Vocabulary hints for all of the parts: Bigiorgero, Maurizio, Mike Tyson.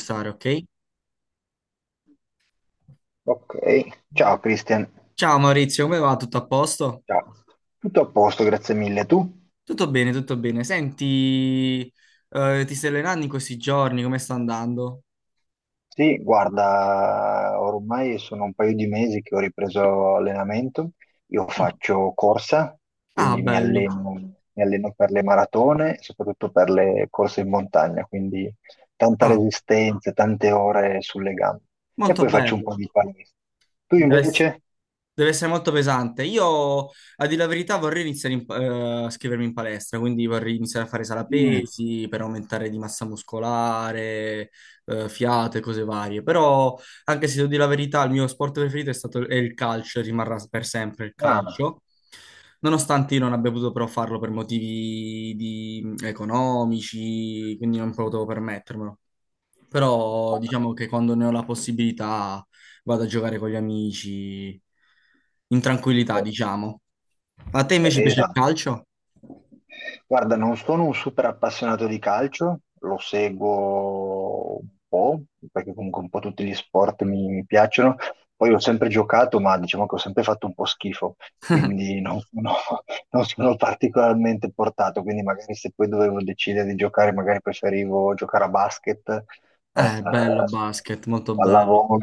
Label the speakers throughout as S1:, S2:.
S1: Stare, ok?
S2: Ok, ciao Christian,
S1: Ciao Maurizio, come va? Tutto a posto?
S2: ciao. Tutto a posto, grazie mille. Tu?
S1: Tutto bene, tutto bene. Senti, ti stai allenando in questi giorni? Come sta andando?
S2: Sì, guarda, ormai sono un paio di mesi che ho ripreso allenamento. Io
S1: Mm.
S2: faccio corsa,
S1: Ah,
S2: quindi mi
S1: bello.
S2: alleno, mi alleno per le maratone, soprattutto per le corse in montagna, quindi tanta
S1: Ah,
S2: resistenza, tante ore sulle gambe. E
S1: molto
S2: poi faccio un
S1: bello.
S2: po' di palestra. Tu invece?
S1: Deve essere molto pesante. Io, a dire la verità, vorrei iniziare a scrivermi in palestra, quindi vorrei iniziare a fare sala
S2: Mm.
S1: pesi per aumentare di massa muscolare, fiato e cose varie. Però, anche se devo dire la verità, il mio sport preferito è il calcio, e rimarrà per sempre il
S2: Ah,
S1: calcio. Nonostante io non abbia potuto però farlo per motivi economici, quindi non potevo permettermelo. Però diciamo
S2: ok.
S1: che quando ne ho la possibilità vado a giocare con gli amici in tranquillità,
S2: Eh,
S1: diciamo. A te invece piace il
S2: esatto.
S1: calcio?
S2: Guarda, non sono un super appassionato di calcio, lo seguo un po', perché comunque un po' tutti gli sport mi piacciono. Poi ho sempre giocato, ma diciamo che ho sempre fatto un po' schifo, quindi non sono, non sono particolarmente portato. Quindi magari se poi dovevo decidere di giocare, magari preferivo giocare a basket,
S1: Bello basket, molto bello.
S2: pallavolo.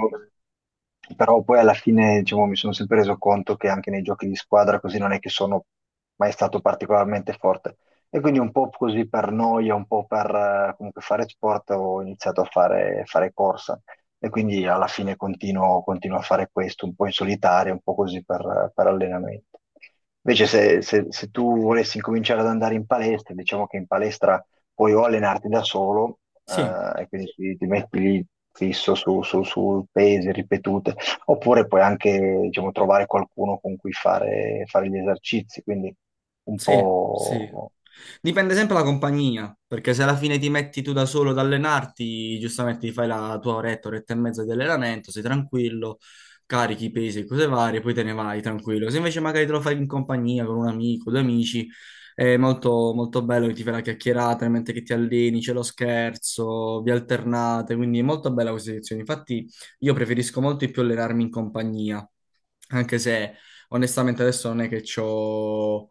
S2: Però poi alla fine, diciamo, mi sono sempre reso conto che anche nei giochi di squadra così non è che sono mai stato particolarmente forte. E quindi un po' così per noia, un po' per comunque fare sport, ho iniziato a fare corsa e quindi alla fine continuo a fare questo, un po' in solitaria, un po' così per allenamento. Invece se tu volessi incominciare ad andare in palestra, diciamo che in palestra puoi o allenarti da solo,
S1: Sì,
S2: e quindi ti metti lì fisso su pesi ripetute, oppure puoi anche, diciamo, trovare qualcuno con cui fare gli esercizi, quindi un
S1: sì, sì.
S2: po'.
S1: Dipende sempre dalla compagnia, perché se alla fine ti metti tu da solo ad allenarti, giustamente ti fai la tua oretta, oretta e mezza di allenamento, sei tranquillo, carichi i pesi e cose varie, poi te ne vai tranquillo. Se invece magari te lo fai in compagnia con un amico, due amici, è molto, molto bello che ti fai la chiacchierata, mentre che ti alleni, c'è lo scherzo, vi alternate, quindi è molto bella questa edizione. Infatti io preferisco molto di più allenarmi in compagnia anche se onestamente adesso non è che ho,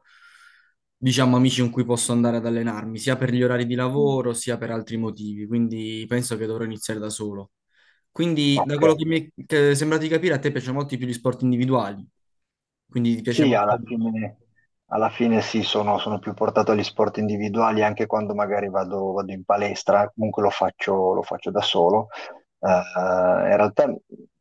S1: diciamo, amici con cui posso andare ad allenarmi, sia per gli orari di
S2: Mm.
S1: lavoro, sia per altri motivi, quindi penso che dovrò iniziare da solo. Quindi, da
S2: Ok,
S1: quello che mi è che è sembrato di capire, a te piacciono molto di più gli sport individuali, quindi ti piace
S2: sì,
S1: molto.
S2: alla fine sì, sono più portato agli sport individuali anche quando magari vado in palestra, comunque lo faccio da solo. In realtà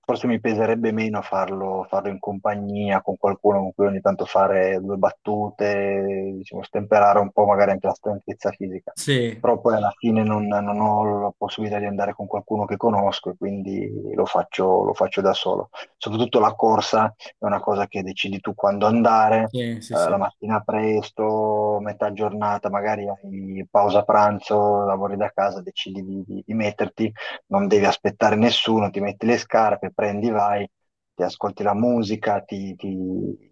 S2: forse mi peserebbe meno farlo in compagnia con qualcuno con cui ogni tanto fare due battute, diciamo, stemperare un po' magari anche la stanchezza fisica.
S1: Sì,
S2: Però poi alla fine non ho la possibilità di andare con qualcuno che conosco e quindi lo faccio da solo. Soprattutto la corsa è una cosa che decidi tu quando andare,
S1: sì, sì,
S2: la
S1: sì,
S2: mattina presto, metà giornata, magari hai pausa pranzo, lavori da casa, decidi di metterti, non devi aspettare nessuno, ti metti le scarpe, prendi, vai, ti ascolti la musica,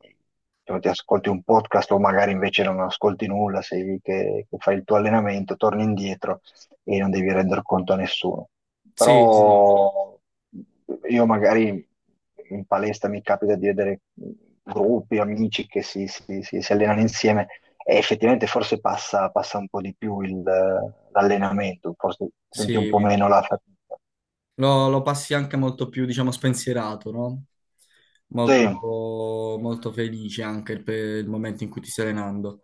S2: diciamo, ti ascolti un podcast o magari invece non ascolti nulla, sei lì che fai il tuo allenamento, torni indietro e non devi render conto a nessuno.
S1: sì, sì, sì.
S2: Però io magari in palestra mi capita di vedere gruppi, amici che si allenano insieme e effettivamente forse passa un po' di più l'allenamento, forse senti un po'
S1: Sì.
S2: meno la fatica.
S1: Lo passi anche molto più, diciamo, spensierato, no? Molto,
S2: Sì.
S1: molto felice anche per il momento in cui ti stai allenando.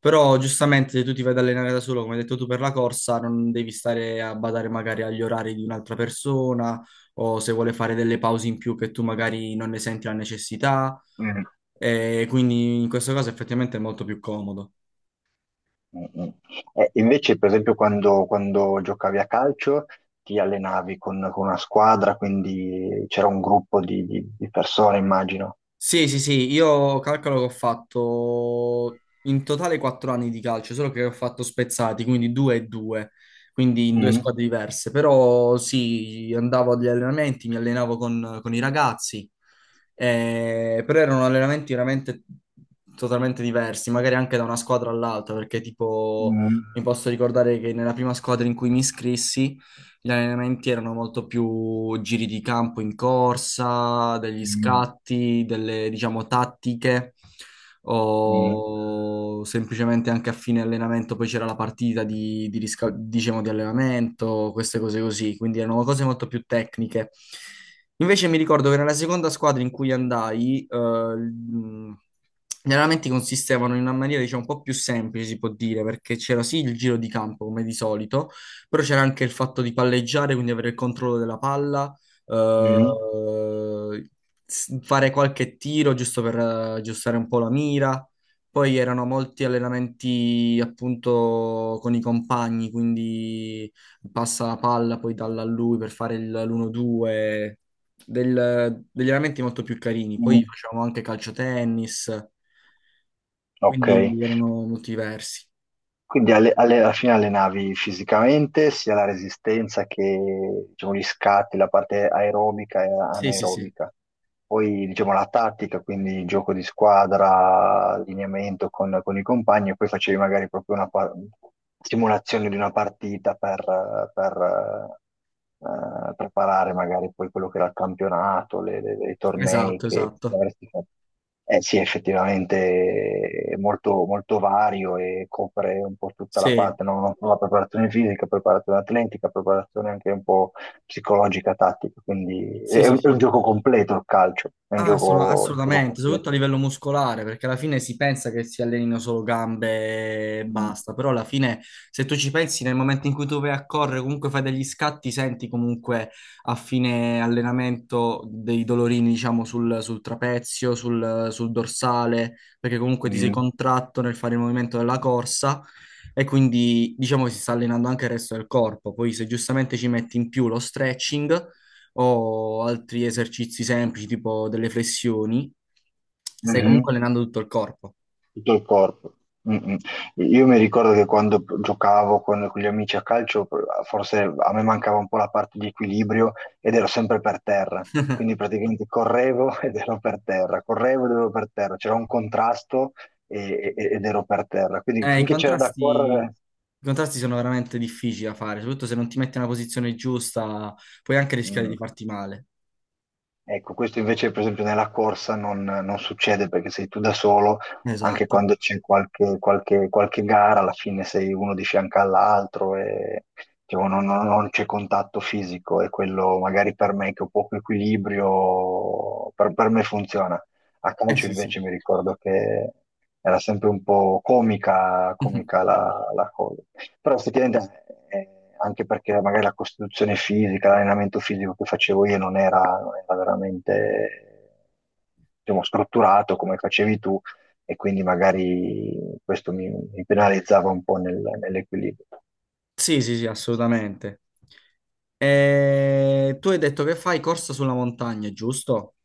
S1: Però giustamente se tu ti vai ad allenare da solo, come hai detto tu per la corsa, non devi stare a badare magari agli orari di un'altra persona o se vuole fare delle pause in più che tu magari non ne senti la necessità.
S2: Mm,
S1: E quindi in questo caso effettivamente è molto più comodo.
S2: mm, mm. Invece, per esempio, quando, quando giocavi a calcio ti allenavi con una squadra, quindi c'era un gruppo di persone, immagino.
S1: Sì, sì, sì, io calcolo che ho fatto in totale 4 anni di calcio, solo che ho fatto spezzati, quindi due e due, quindi in due
S2: Mm,
S1: squadre diverse. Però sì, andavo agli allenamenti, mi allenavo con i ragazzi, però erano allenamenti veramente totalmente diversi, magari anche da una squadra all'altra, perché tipo
S2: mm,
S1: mi posso ricordare che nella prima squadra in cui mi iscrissi gli allenamenti erano molto più giri di campo in corsa, degli
S2: mm,
S1: scatti, delle, diciamo, tattiche
S2: mm.
S1: o semplicemente anche a fine allenamento poi c'era la partita diciamo, di allenamento, queste cose così, quindi erano cose molto più tecniche. Invece mi ricordo che nella seconda squadra in cui andai, gli allenamenti consistevano in una maniera, diciamo, un po' più semplice, si può dire, perché c'era sì il giro di campo, come di solito, però c'era anche il fatto di palleggiare, quindi avere il controllo della palla,
S2: Mm,
S1: eh, fare qualche tiro giusto per aggiustare un po' la mira. Poi erano molti allenamenti appunto con i compagni, quindi passa la palla poi dalla a lui per fare l'1-2, degli allenamenti molto più carini. Poi
S2: mm,
S1: facevamo anche calciotennis,
S2: ok,
S1: quindi erano molto diversi.
S2: quindi alla fine allenavi fisicamente sia la resistenza che diciamo, gli scatti, la parte aerobica e
S1: Sì, sì, sì,
S2: anaerobica, poi diciamo la tattica, quindi gioco di squadra, allineamento con i compagni e poi facevi magari proprio una simulazione di una partita per preparare magari poi quello che era il campionato, i tornei
S1: esatto,
S2: che
S1: esatto.
S2: avresti fatto. Eh sì, effettivamente è molto, molto vario e copre un po' tutta la
S1: Sì,
S2: parte, no? La preparazione fisica, preparazione atletica, preparazione anche un po' psicologica, tattica, quindi
S1: sì,
S2: è
S1: sì,
S2: un, è un
S1: sì.
S2: gioco completo il calcio, è un
S1: Ah,
S2: gioco, un gioco
S1: assolutamente,
S2: completo.
S1: soprattutto a livello muscolare, perché alla fine si pensa che si allenino solo gambe e basta, però alla fine se tu ci pensi nel momento in cui tu vai a correre, comunque fai degli scatti, senti comunque a fine allenamento dei dolorini, diciamo, sul trapezio, sul dorsale, perché comunque ti sei
S2: Mm.
S1: contratto nel fare il movimento della corsa e quindi diciamo che si sta allenando anche il resto del corpo. Poi se giustamente ci metti in più lo stretching o altri esercizi semplici, tipo delle flessioni, stai comunque
S2: Mhm.
S1: allenando tutto il corpo.
S2: Tutto il corpo. Mm, mm. Io mi ricordo che quando giocavo con gli amici a calcio, forse a me mancava un po' la parte di equilibrio ed ero sempre per terra. Quindi praticamente correvo ed ero per terra, correvo ed ero per terra, c'era un contrasto ed ero per terra. Quindi
S1: Eh, i
S2: finché c'era da
S1: contrasti,
S2: correre,
S1: i contrasti sono veramente difficili da fare, soprattutto se non ti metti nella posizione giusta, puoi anche rischiare
S2: mm.
S1: di farti male.
S2: Ecco, questo invece, per esempio, nella corsa non succede perché sei tu da solo, anche
S1: Esatto.
S2: quando c'è qualche gara, alla fine sei uno di fianco all'altro e diciamo, non c'è contatto fisico e quello magari per me che ho poco equilibrio, per me funziona. A
S1: Eh
S2: calcio
S1: sì, sì.
S2: invece mi ricordo che era sempre un po' comica,
S1: Mhm.
S2: comica la cosa. Però effettivamente, anche perché magari la costituzione fisica, l'allenamento fisico che facevo io non era veramente, diciamo, strutturato come facevi tu, e quindi magari questo mi penalizzava un po' nell'equilibrio.
S1: Sì, sì, sì, assolutamente. Tu hai detto che fai corsa sulla montagna, giusto?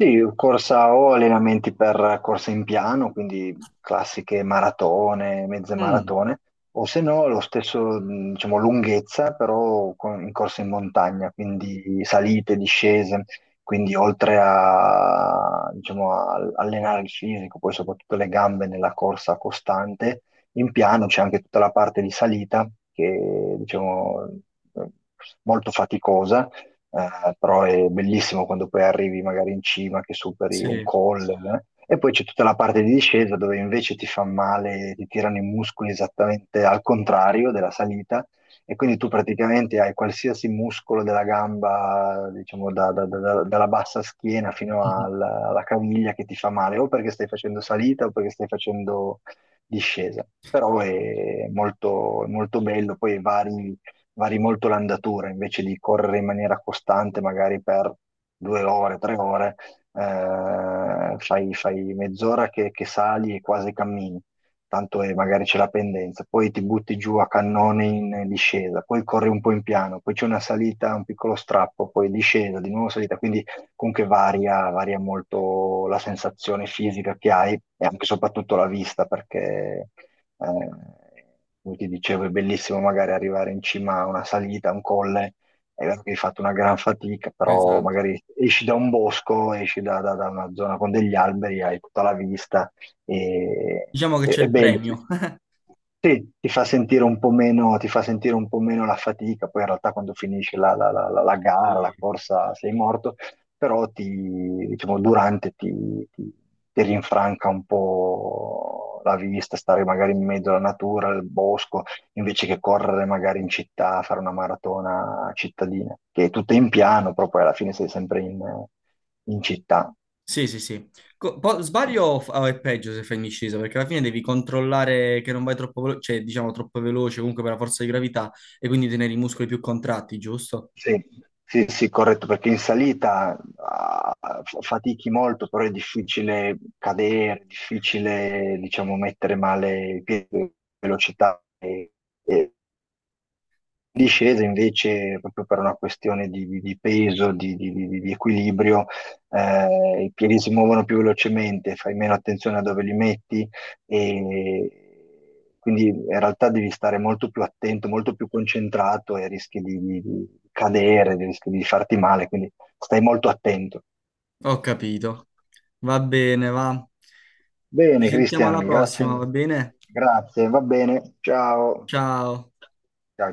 S2: Sì, corsa o allenamenti per corsa in piano, quindi classiche maratone, mezze
S1: Mm,
S2: maratone, o se no lo stesso, diciamo, lunghezza, però in corsa in montagna, quindi salite, discese, quindi oltre a, diciamo, a allenare il fisico, poi soprattutto le gambe nella corsa costante, in piano c'è anche tutta la parte di salita che, diciamo, è molto faticosa però è bellissimo quando poi arrivi magari in cima che superi un
S1: sì,
S2: col. E poi c'è tutta la parte di discesa dove invece ti fa male, ti tirano i muscoli esattamente al contrario della salita e quindi tu praticamente hai qualsiasi muscolo della gamba, diciamo dalla bassa schiena fino alla caviglia che ti fa male, o perché stai facendo salita o perché stai facendo discesa. Però è molto, molto bello, poi vari molto l'andatura, invece di correre in maniera costante, magari per 2 ore, 3 ore, fai mezz'ora che sali e quasi cammini, tanto magari c'è la pendenza, poi ti butti giù a cannone in discesa, poi corri un po' in piano, poi c'è una salita, un piccolo strappo, poi discesa, di nuovo salita, quindi comunque varia molto la sensazione fisica che hai e anche e soprattutto la vista, perché eh, come ti dicevo, è bellissimo magari arrivare in cima a una salita, a un colle, è vero che hai fatto una gran fatica, però
S1: esatto.
S2: magari esci da un bosco, esci da una zona con degli alberi, hai tutta la vista,
S1: Diciamo che c'è
S2: è
S1: il
S2: bello.
S1: premio.
S2: Sì, ti fa sentire un po' meno, ti fa sentire un po' meno la fatica, poi in realtà quando finisce la, la gara,
S1: Sì.
S2: la corsa, sei morto, però diciamo, durante ti rinfranca un po' la vista, stare magari in mezzo alla natura, al bosco, invece che correre magari in città, fare una maratona cittadina, che è tutta in piano, però poi alla fine sei sempre in città.
S1: Sì, sì, sì. Sbaglio o è peggio se fai in discesa, perché alla fine devi controllare che non vai troppo veloce, cioè diciamo troppo veloce comunque per la forza di gravità e quindi tenere i muscoli più contratti, giusto?
S2: Sì, sì, sì, corretto, perché in salita fatichi molto, però è difficile cadere, è difficile, diciamo, mettere male il piede, velocità e- discesa invece proprio per una questione di peso, di equilibrio, i piedi si muovono più velocemente, fai meno attenzione a dove li metti e quindi in realtà devi stare molto più attento, molto più concentrato e rischi di cadere, rischi di farti male, quindi stai molto attento.
S1: Ho capito. Va bene, va. Ci
S2: Bene,
S1: sentiamo
S2: Cristian,
S1: alla
S2: grazie.
S1: prossima, va bene?
S2: Grazie, va bene. Ciao.
S1: Ciao.
S2: Ciao.